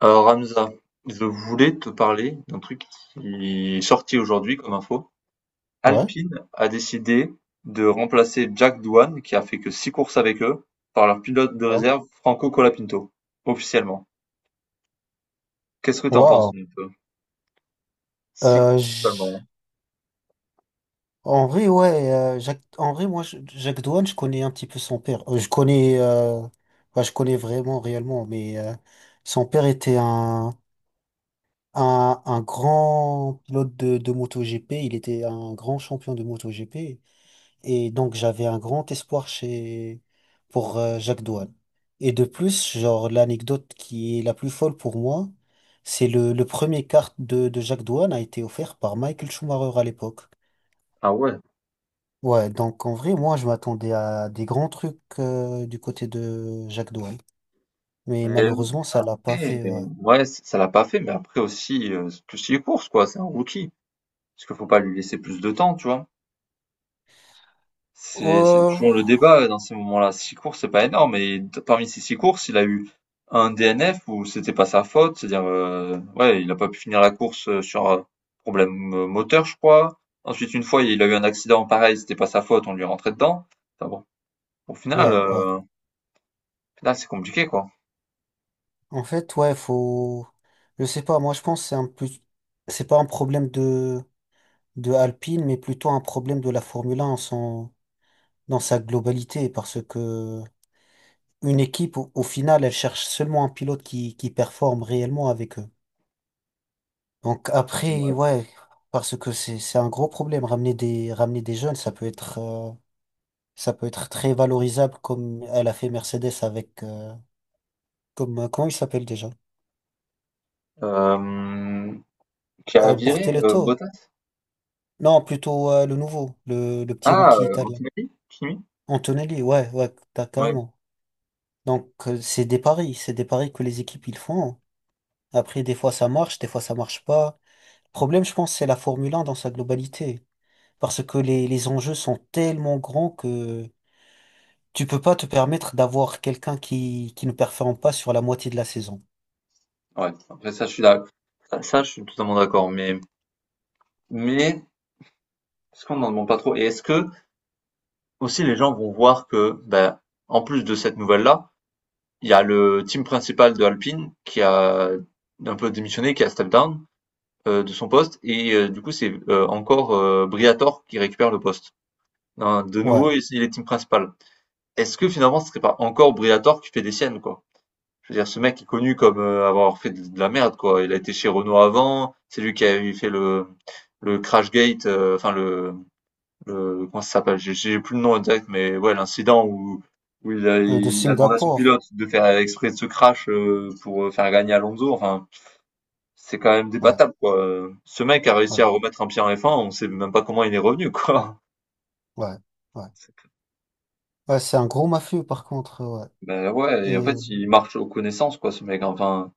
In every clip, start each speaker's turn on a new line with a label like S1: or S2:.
S1: Alors Hamza, je voulais te parler d'un truc qui est sorti aujourd'hui comme info.
S2: Ouais,
S1: Alpine a décidé de remplacer Jack Doohan, qui a fait que six courses avec eux, par leur pilote de
S2: ouais.
S1: réserve Franco Colapinto, officiellement. Qu'est-ce que t'en
S2: Waouh.
S1: penses un peu? Six
S2: Euh,
S1: courses
S2: j-
S1: seulement.
S2: En vrai, ouais, Jacques... en vrai, Jacques Douane, je connais un petit peu son père. Je connais, ouais, je connais vraiment, réellement, mais son père était un grand pilote de MotoGP. Il était un grand champion de MotoGP. Et donc, j'avais un grand espoir chez, pour Jacques Douane. Et de plus, genre, l'anecdote qui est la plus folle pour moi, c'est le premier kart de Jacques Douane a été offert par Michael Schumacher à l'époque.
S1: Ah ouais.
S2: Ouais, donc en vrai, moi, je m'attendais à des grands trucs du côté de Jacques Douane. Mais
S1: Mais
S2: malheureusement, ça l'a pas
S1: ouais,
S2: fait, ouais.
S1: ouais, ça l'a pas fait, mais après aussi, c'est que six courses, quoi, c'est un rookie. Parce qu'il faut pas lui laisser plus de temps, tu vois. C'est
S2: Euh,
S1: toujours le débat dans ces moments-là. Six courses, c'est pas énorme et d parmi ces 6 courses, il a eu un DNF où c'était pas sa faute, c'est-à-dire, ouais, il a pas pu finir la course, sur, problème, moteur, je crois. Ensuite, une fois, il a eu un accident, pareil, c'était pas sa faute, on lui est rentré dedans. Enfin bon, au final,
S2: ouais, ouais.
S1: heu, au final, c'est compliqué, quoi.
S2: En fait, ouais, faut. Je sais pas, moi, je pense que c'est un plus. C'est pas un problème de. De Alpine, mais plutôt un problème de la Formule un dans sa globalité, parce que une équipe, au final, elle cherche seulement un pilote qui performe réellement avec eux. Donc après,
S1: Ouais.
S2: ouais, parce que c'est un gros problème. Ramener des jeunes, ça peut être très valorisable comme elle a fait Mercedes avec, comme, comment il s'appelle déjà?
S1: Hem, qui a viré,
S2: Bortoleto.
S1: Bottas?
S2: Non, plutôt le nouveau, le petit
S1: Ah,
S2: rookie italien.
S1: Antonelli? Kimi?
S2: Antonelli, ouais, ouais, t'as
S1: Ouais,
S2: carrément. Donc, c'est des paris que les équipes ils font. Après, des fois ça marche, des fois ça marche pas. Le problème, je pense, c'est la Formule 1 dans sa globalité. Parce que les enjeux sont tellement grands que tu peux pas te permettre d'avoir quelqu'un qui ne performe pas sur la moitié de la saison.
S1: ouais, après ça, je suis d'a ça ça, je suis totalement d'accord, mais est-ce qu'on en demande pas trop? Et est-ce que aussi les gens vont voir que, ben, en plus de cette nouvelle-là, il y a le team principal de Alpine qui a un peu démissionné, qui a step down de son poste, et du coup c'est encore Briator qui récupère le poste. Hein, de
S2: Ouais.
S1: nouveau, il est team principal. Est-ce que finalement ce serait pas encore Briatore qui fait des siennes, quoi? Je veux dire, ce mec est connu comme avoir fait de la merde, quoi. Il a été chez Renault avant, c'est lui qui avait fait le Crashgate, enfin comment ça s'appelle? J'ai plus le nom exact, mais ouais, l'incident où il a,
S2: De
S1: il a demandé à son
S2: Singapour.
S1: pilote de faire exprès de ce crash pour faire gagner Alonso. Enfin, c'est quand même
S2: Ouais,
S1: débattable, quoi. Ce mec a réussi à
S2: ouais,
S1: remettre un pied en F1, on sait même pas comment il est revenu, quoi.
S2: ouais, ouais. Ouais, c'est un gros mafieux par contre, ouais.
S1: Ben ouais, et en fait,
S2: Et
S1: il marche aux connaissances, quoi, ce mec. Hein. Enfin,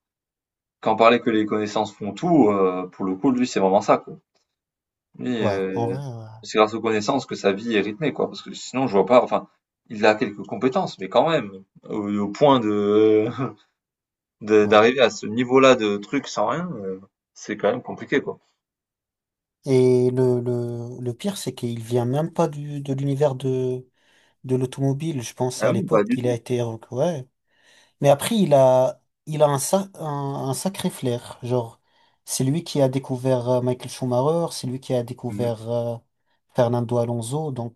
S1: quand on parlait que les connaissances font tout, pour le coup, lui, c'est vraiment ça, quoi. Lui,
S2: ouais, en vrai,
S1: c'est grâce aux connaissances que sa vie est rythmée, quoi. Parce que sinon, je vois pas, enfin, il a quelques compétences, mais quand même, au point
S2: ouais. Ouais.
S1: d'arriver à ce niveau-là de truc sans rien, c'est quand même compliqué, quoi.
S2: Et le pire, c'est qu'il vient même pas de l'univers de l'automobile, je pense à
S1: Ah oui, pas
S2: l'époque
S1: du
S2: qu'il a
S1: tout.
S2: été ouais. Mais après il a un, un sacré flair, genre c'est lui qui a découvert Michael Schumacher, c'est lui qui a
S1: Mmh.
S2: découvert Fernando Alonso, donc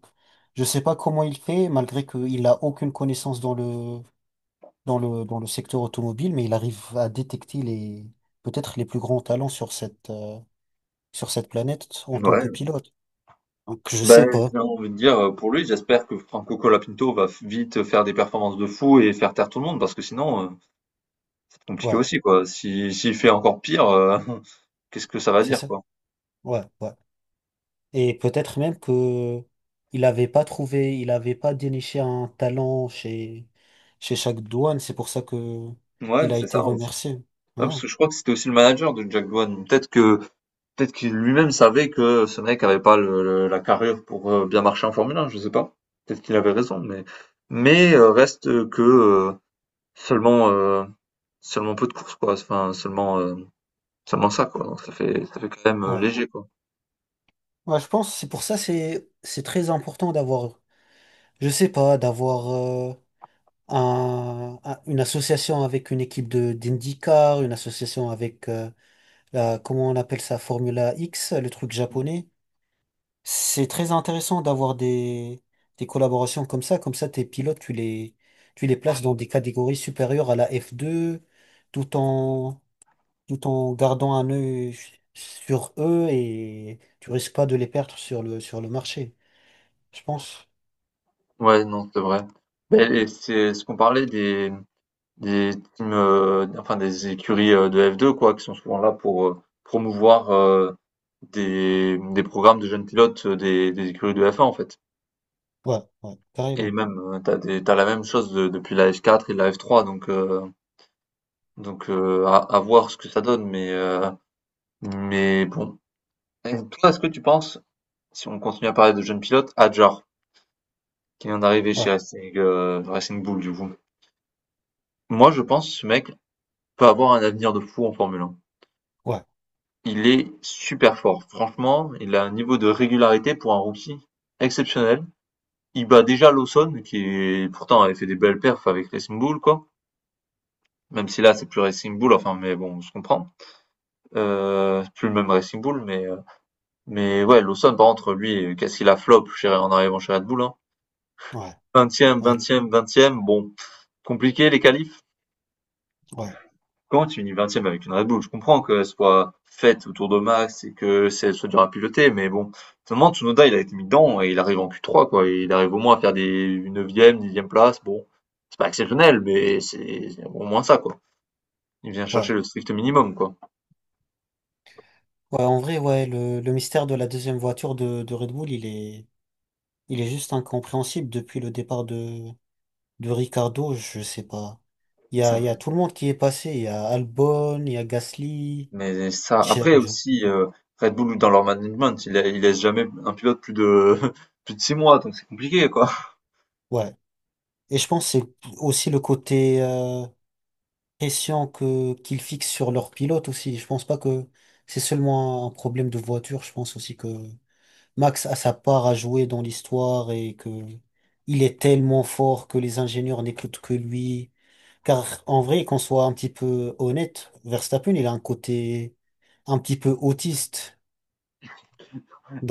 S2: je sais pas comment il fait malgré qu'il a aucune connaissance dans le dans le secteur automobile, mais il arrive à détecter les peut-être les plus grands talents sur cette planète en tant
S1: Ouais.
S2: que pilote. Donc je
S1: Ben
S2: sais pas.
S1: j'ai envie de dire, pour lui, j'espère que Franco Colapinto va f vite faire des performances de fou et faire taire tout le monde parce que sinon, c'est compliqué
S2: Ouais,
S1: aussi, quoi. Si s'il fait encore pire, qu'est-ce que ça va
S2: c'est
S1: dire,
S2: ça.
S1: quoi?
S2: Ouais, ouais. Et peut-être même que il n'avait pas trouvé, il n'avait pas déniché un talent chez, chez chaque douane. C'est pour ça que
S1: Ouais,
S2: il a
S1: c'est
S2: été
S1: ça, aussi.
S2: remercié. Ouais,
S1: Ouais, parce que je crois que c'était aussi le manager de Jack Doohan. Peut-être qu'il lui-même savait que ce mec avait pas le le la carrure pour, bien marcher en Formule 1, je sais pas. Peut-être qu'il avait raison, mais reste que, seulement, seulement peu de courses quoi, enfin seulement, seulement ça quoi, donc ça fait quand même,
S2: ouais.
S1: léger quoi.
S2: Ouais, je pense, c'est pour ça, c'est très important d'avoir, je sais pas, d'avoir une association avec une équipe de d'IndyCar, une association avec, la, comment on appelle ça, Formula X, le truc
S1: Mmh.
S2: japonais. C'est très intéressant d'avoir des collaborations comme ça. Comme ça, tes pilotes, tu les places dans des catégories supérieures à la f deux tout en, tout en gardant un œil sur eux et tu risques pas de les perdre sur sur le marché. Je pense.
S1: Ouais, non, c'est vrai. Beh et c'est ce qu'on parlait des teams, enfin des écuries, de F2 quoi, qui sont souvent là pour, promouvoir, des programmes de jeunes pilotes, des écuries de F1 en fait.
S2: Ouais, ouais,
S1: Et
S2: carrément.
S1: même, t'as des tu la même chose de depuis la F4 et la F3 donc, à voir ce que ça donne mais bon. Et toi, est-ce que tu penses? Si on continue à parler de jeunes pilotes, Hadjar, qui vient d'arriver chez
S2: Ouais,
S1: Racing Bull, du coup. Moi, je pense que ce mec peut avoir un avenir de fou en Formule 1.
S2: ouais,
S1: Il est super fort. Franchement, il a un niveau de régularité pour un rookie exceptionnel. Il bat déjà Lawson, pourtant avait fait des belles perfs avec Racing Bull, quoi. Même si là, c'est plus Racing Bull, enfin, mais bon, on se comprend. C'est plus le même Racing Bull, mais ouais, Lawson, par contre, lui, qu'est-ce qu'il a flop en arrivant chez Red Bull, hein.
S2: ouais,
S1: Vingtième,
S2: ouais, le-
S1: vingtième, vingtième, bon, compliqué les qualifs.
S2: ouais,
S1: Quand tu finis 20 avec une Red Bull? Je comprends qu'elle soit faite autour de Max et que elle soit dure à piloter, mais bon, finalement, Tsunoda, il a été mis dedans et il arrive en Q3, quoi. Il arrive au moins à faire des neuvième, dixième place. Bon, c'est pas exceptionnel, mais c'est au moins ça, quoi. Il vient chercher
S2: ouais.
S1: le strict minimum, quoi.
S2: Ouais, en vrai, ouais, le mystère de la deuxième voiture de Red Bull, il est juste incompréhensible depuis le départ de Ricardo, je sais pas. Il
S1: Ça-
S2: y a tout le monde qui est passé. Il y a Albon, il y a Gasly,
S1: Mais ça, après
S2: Sergio.
S1: aussi, Red Bull, dans leur management, il laisse jamais un pilote plus de, plus de 6 mois, donc c'est compliqué, quoi.
S2: Ouais. Et je pense que c'est aussi le côté pression que qu'ils fixent sur leur pilote aussi. Je pense pas que c'est seulement un problème de voiture. Je pense aussi que Max a sa part à jouer dans l'histoire et que il est tellement fort que les ingénieurs n'écoutent que lui. Car en vrai, qu'on soit un petit peu honnête, Verstappen, il a un côté un petit peu autiste.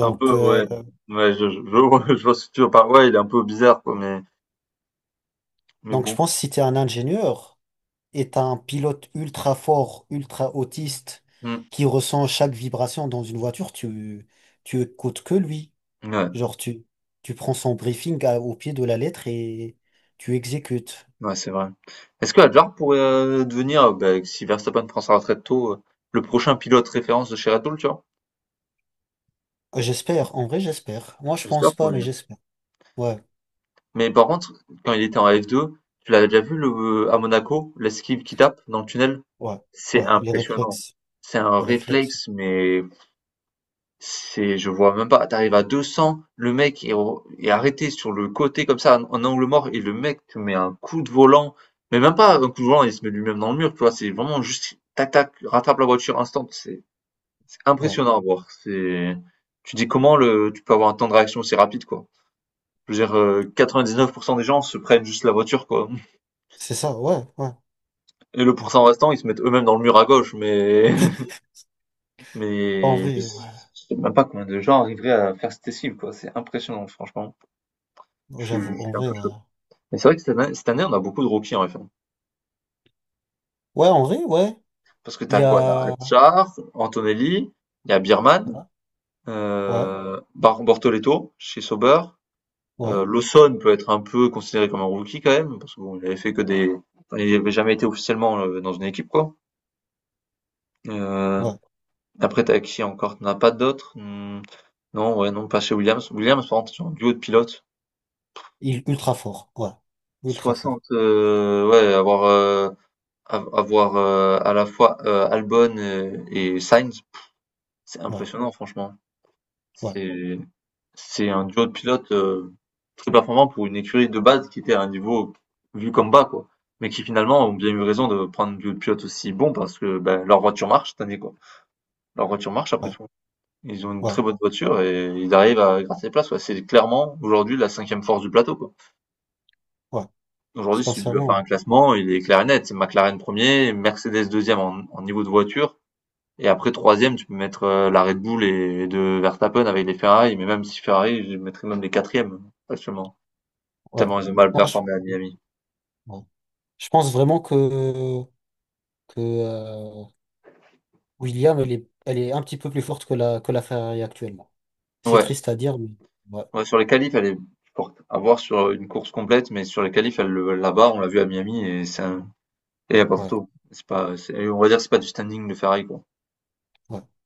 S1: Un peu,
S2: euh,
S1: ouais. Ouais, je vois je vois ce que tu veux ouais, il est un peu bizarre, quoi, mais
S2: donc je
S1: bon.
S2: pense que si tu es un ingénieur et tu un pilote ultra fort, ultra autiste,
S1: Hmm.
S2: qui ressent chaque vibration dans une voiture, tu écoutes que lui.
S1: Ouais.
S2: Genre, tu prends son briefing à- au pied de la lettre et tu exécutes.
S1: Ouais, c'est vrai. Est-ce que Adler pourrait, devenir, beh, si Verstappen prend sa retraite tôt, le prochain pilote référence de chez Red Bull, tu vois?
S2: J'espère, en vrai, j'espère. Moi, je pense
S1: J'espère pour
S2: pas, mais
S1: lui.
S2: j'espère. Ouais,
S1: Mais par contre, quand il était en F2, tu l'avais déjà vu le à Monaco, l'esquive qui tape dans le tunnel?
S2: ouais,
S1: C'est
S2: ouais,
S1: impressionnant. C'est un
S2: les réflexes,
S1: réflexe, mais c'est je vois même pas. T'arrives arrives à 200, le mec est arrêté sur le côté comme ça, en angle mort et le mec te met un coup de volant, mais même pas un coup de volant, il se met lui-même dans le mur, tu vois? C'est vraiment juste tac tac, rattrape la voiture instant. C'est
S2: ouais.
S1: impressionnant à voir. C'est Tu dis comment le tu peux avoir un temps de réaction aussi rapide, quoi. Je veux dire, 99 des gens se prennent juste la voiture, quoi,
S2: C'est ça, ouais, ouais,
S1: et le
S2: ouais.
S1: pourcent restant, ils se mettent eux-mêmes dans le mur à gauche, mais
S2: En
S1: mais je
S2: vrai, ouais.
S1: sais même pas combien de gens arriveraient à faire cette cible quoi. C'est impressionnant, franchement. Je
S2: Ouais,
S1: suis
S2: j'avoue,
S1: je
S2: en
S1: suis un
S2: vrai,
S1: peu
S2: ouais.
S1: choqué. Mais c'est vrai que cette année, on a beaucoup de rookies en F1.
S2: Ouais, en vrai, ouais.
S1: Parce que
S2: Il
S1: t'as
S2: y
S1: quoi? T'as as
S2: a...
S1: Hadjar, Antonelli, il y a Beerman,
S2: Ouais, ouais.
S1: Bar Bortoleto chez Sauber.
S2: Ouais.
S1: Lawson peut être un peu considéré comme un rookie quand même, parce qu'il n'avait fait que des. Enfin, il n'avait jamais été officiellement dans une équipe, quoi. Euh,
S2: Ouais.
S1: après, t'as qui encore? T'en as pas d'autres? Hmm, non, ouais, non, pas chez Williams. Williams, par contre, c'est un duo de pilotes.
S2: Il, ultra fort, ouais. Ultra fort,
S1: 60, ouais, avoir à la fois Albon et Sainz, c'est
S2: ouais,
S1: impressionnant, franchement.
S2: ouais,
S1: C'est, c'est un duo de pilotes, très performant pour une écurie de base qui était à un niveau vu comme bas, quoi. Mais qui finalement ont bien eu raison de prendre deux pilotes aussi bons parce que ben, leur voiture marche cette année, quoi. Leur voiture marche après
S2: ouais,
S1: tout. Ils ont une très
S2: ouais,
S1: bonne voiture et ils arrivent à gratter des places, quoi. C'est clairement aujourd'hui la cinquième force du plateau, quoi.
S2: ouais.
S1: Aujourd'hui, si tu dois faire un
S2: Sincèrement,
S1: classement, il est clair et net. C'est McLaren premier, Mercedes deuxième en niveau de voiture, et après, troisième, tu peux mettre la Red Bull et de Verstappen avec les Ferrari, mais même si Ferrari, je mettrais même les quatrièmes, actuellement.
S2: ouais.
S1: Tellement ils ont mal
S2: Moi, je,
S1: performé à Miami.
S2: ouais. Je pense vraiment que William, elle est un petit peu plus forte que la Ferrari actuellement. C'est
S1: Ouais.
S2: triste à dire, mais ouais,
S1: Ouais, sur les qualifs, elle est forte. À voir sur une course complète, mais sur les qualifs, elle la barre, on l'a vu à Miami, et et y a pas
S2: ouais,
S1: photo. C'est pas, on va dire que c'est pas du standing de Ferrari, quoi.
S2: ouais.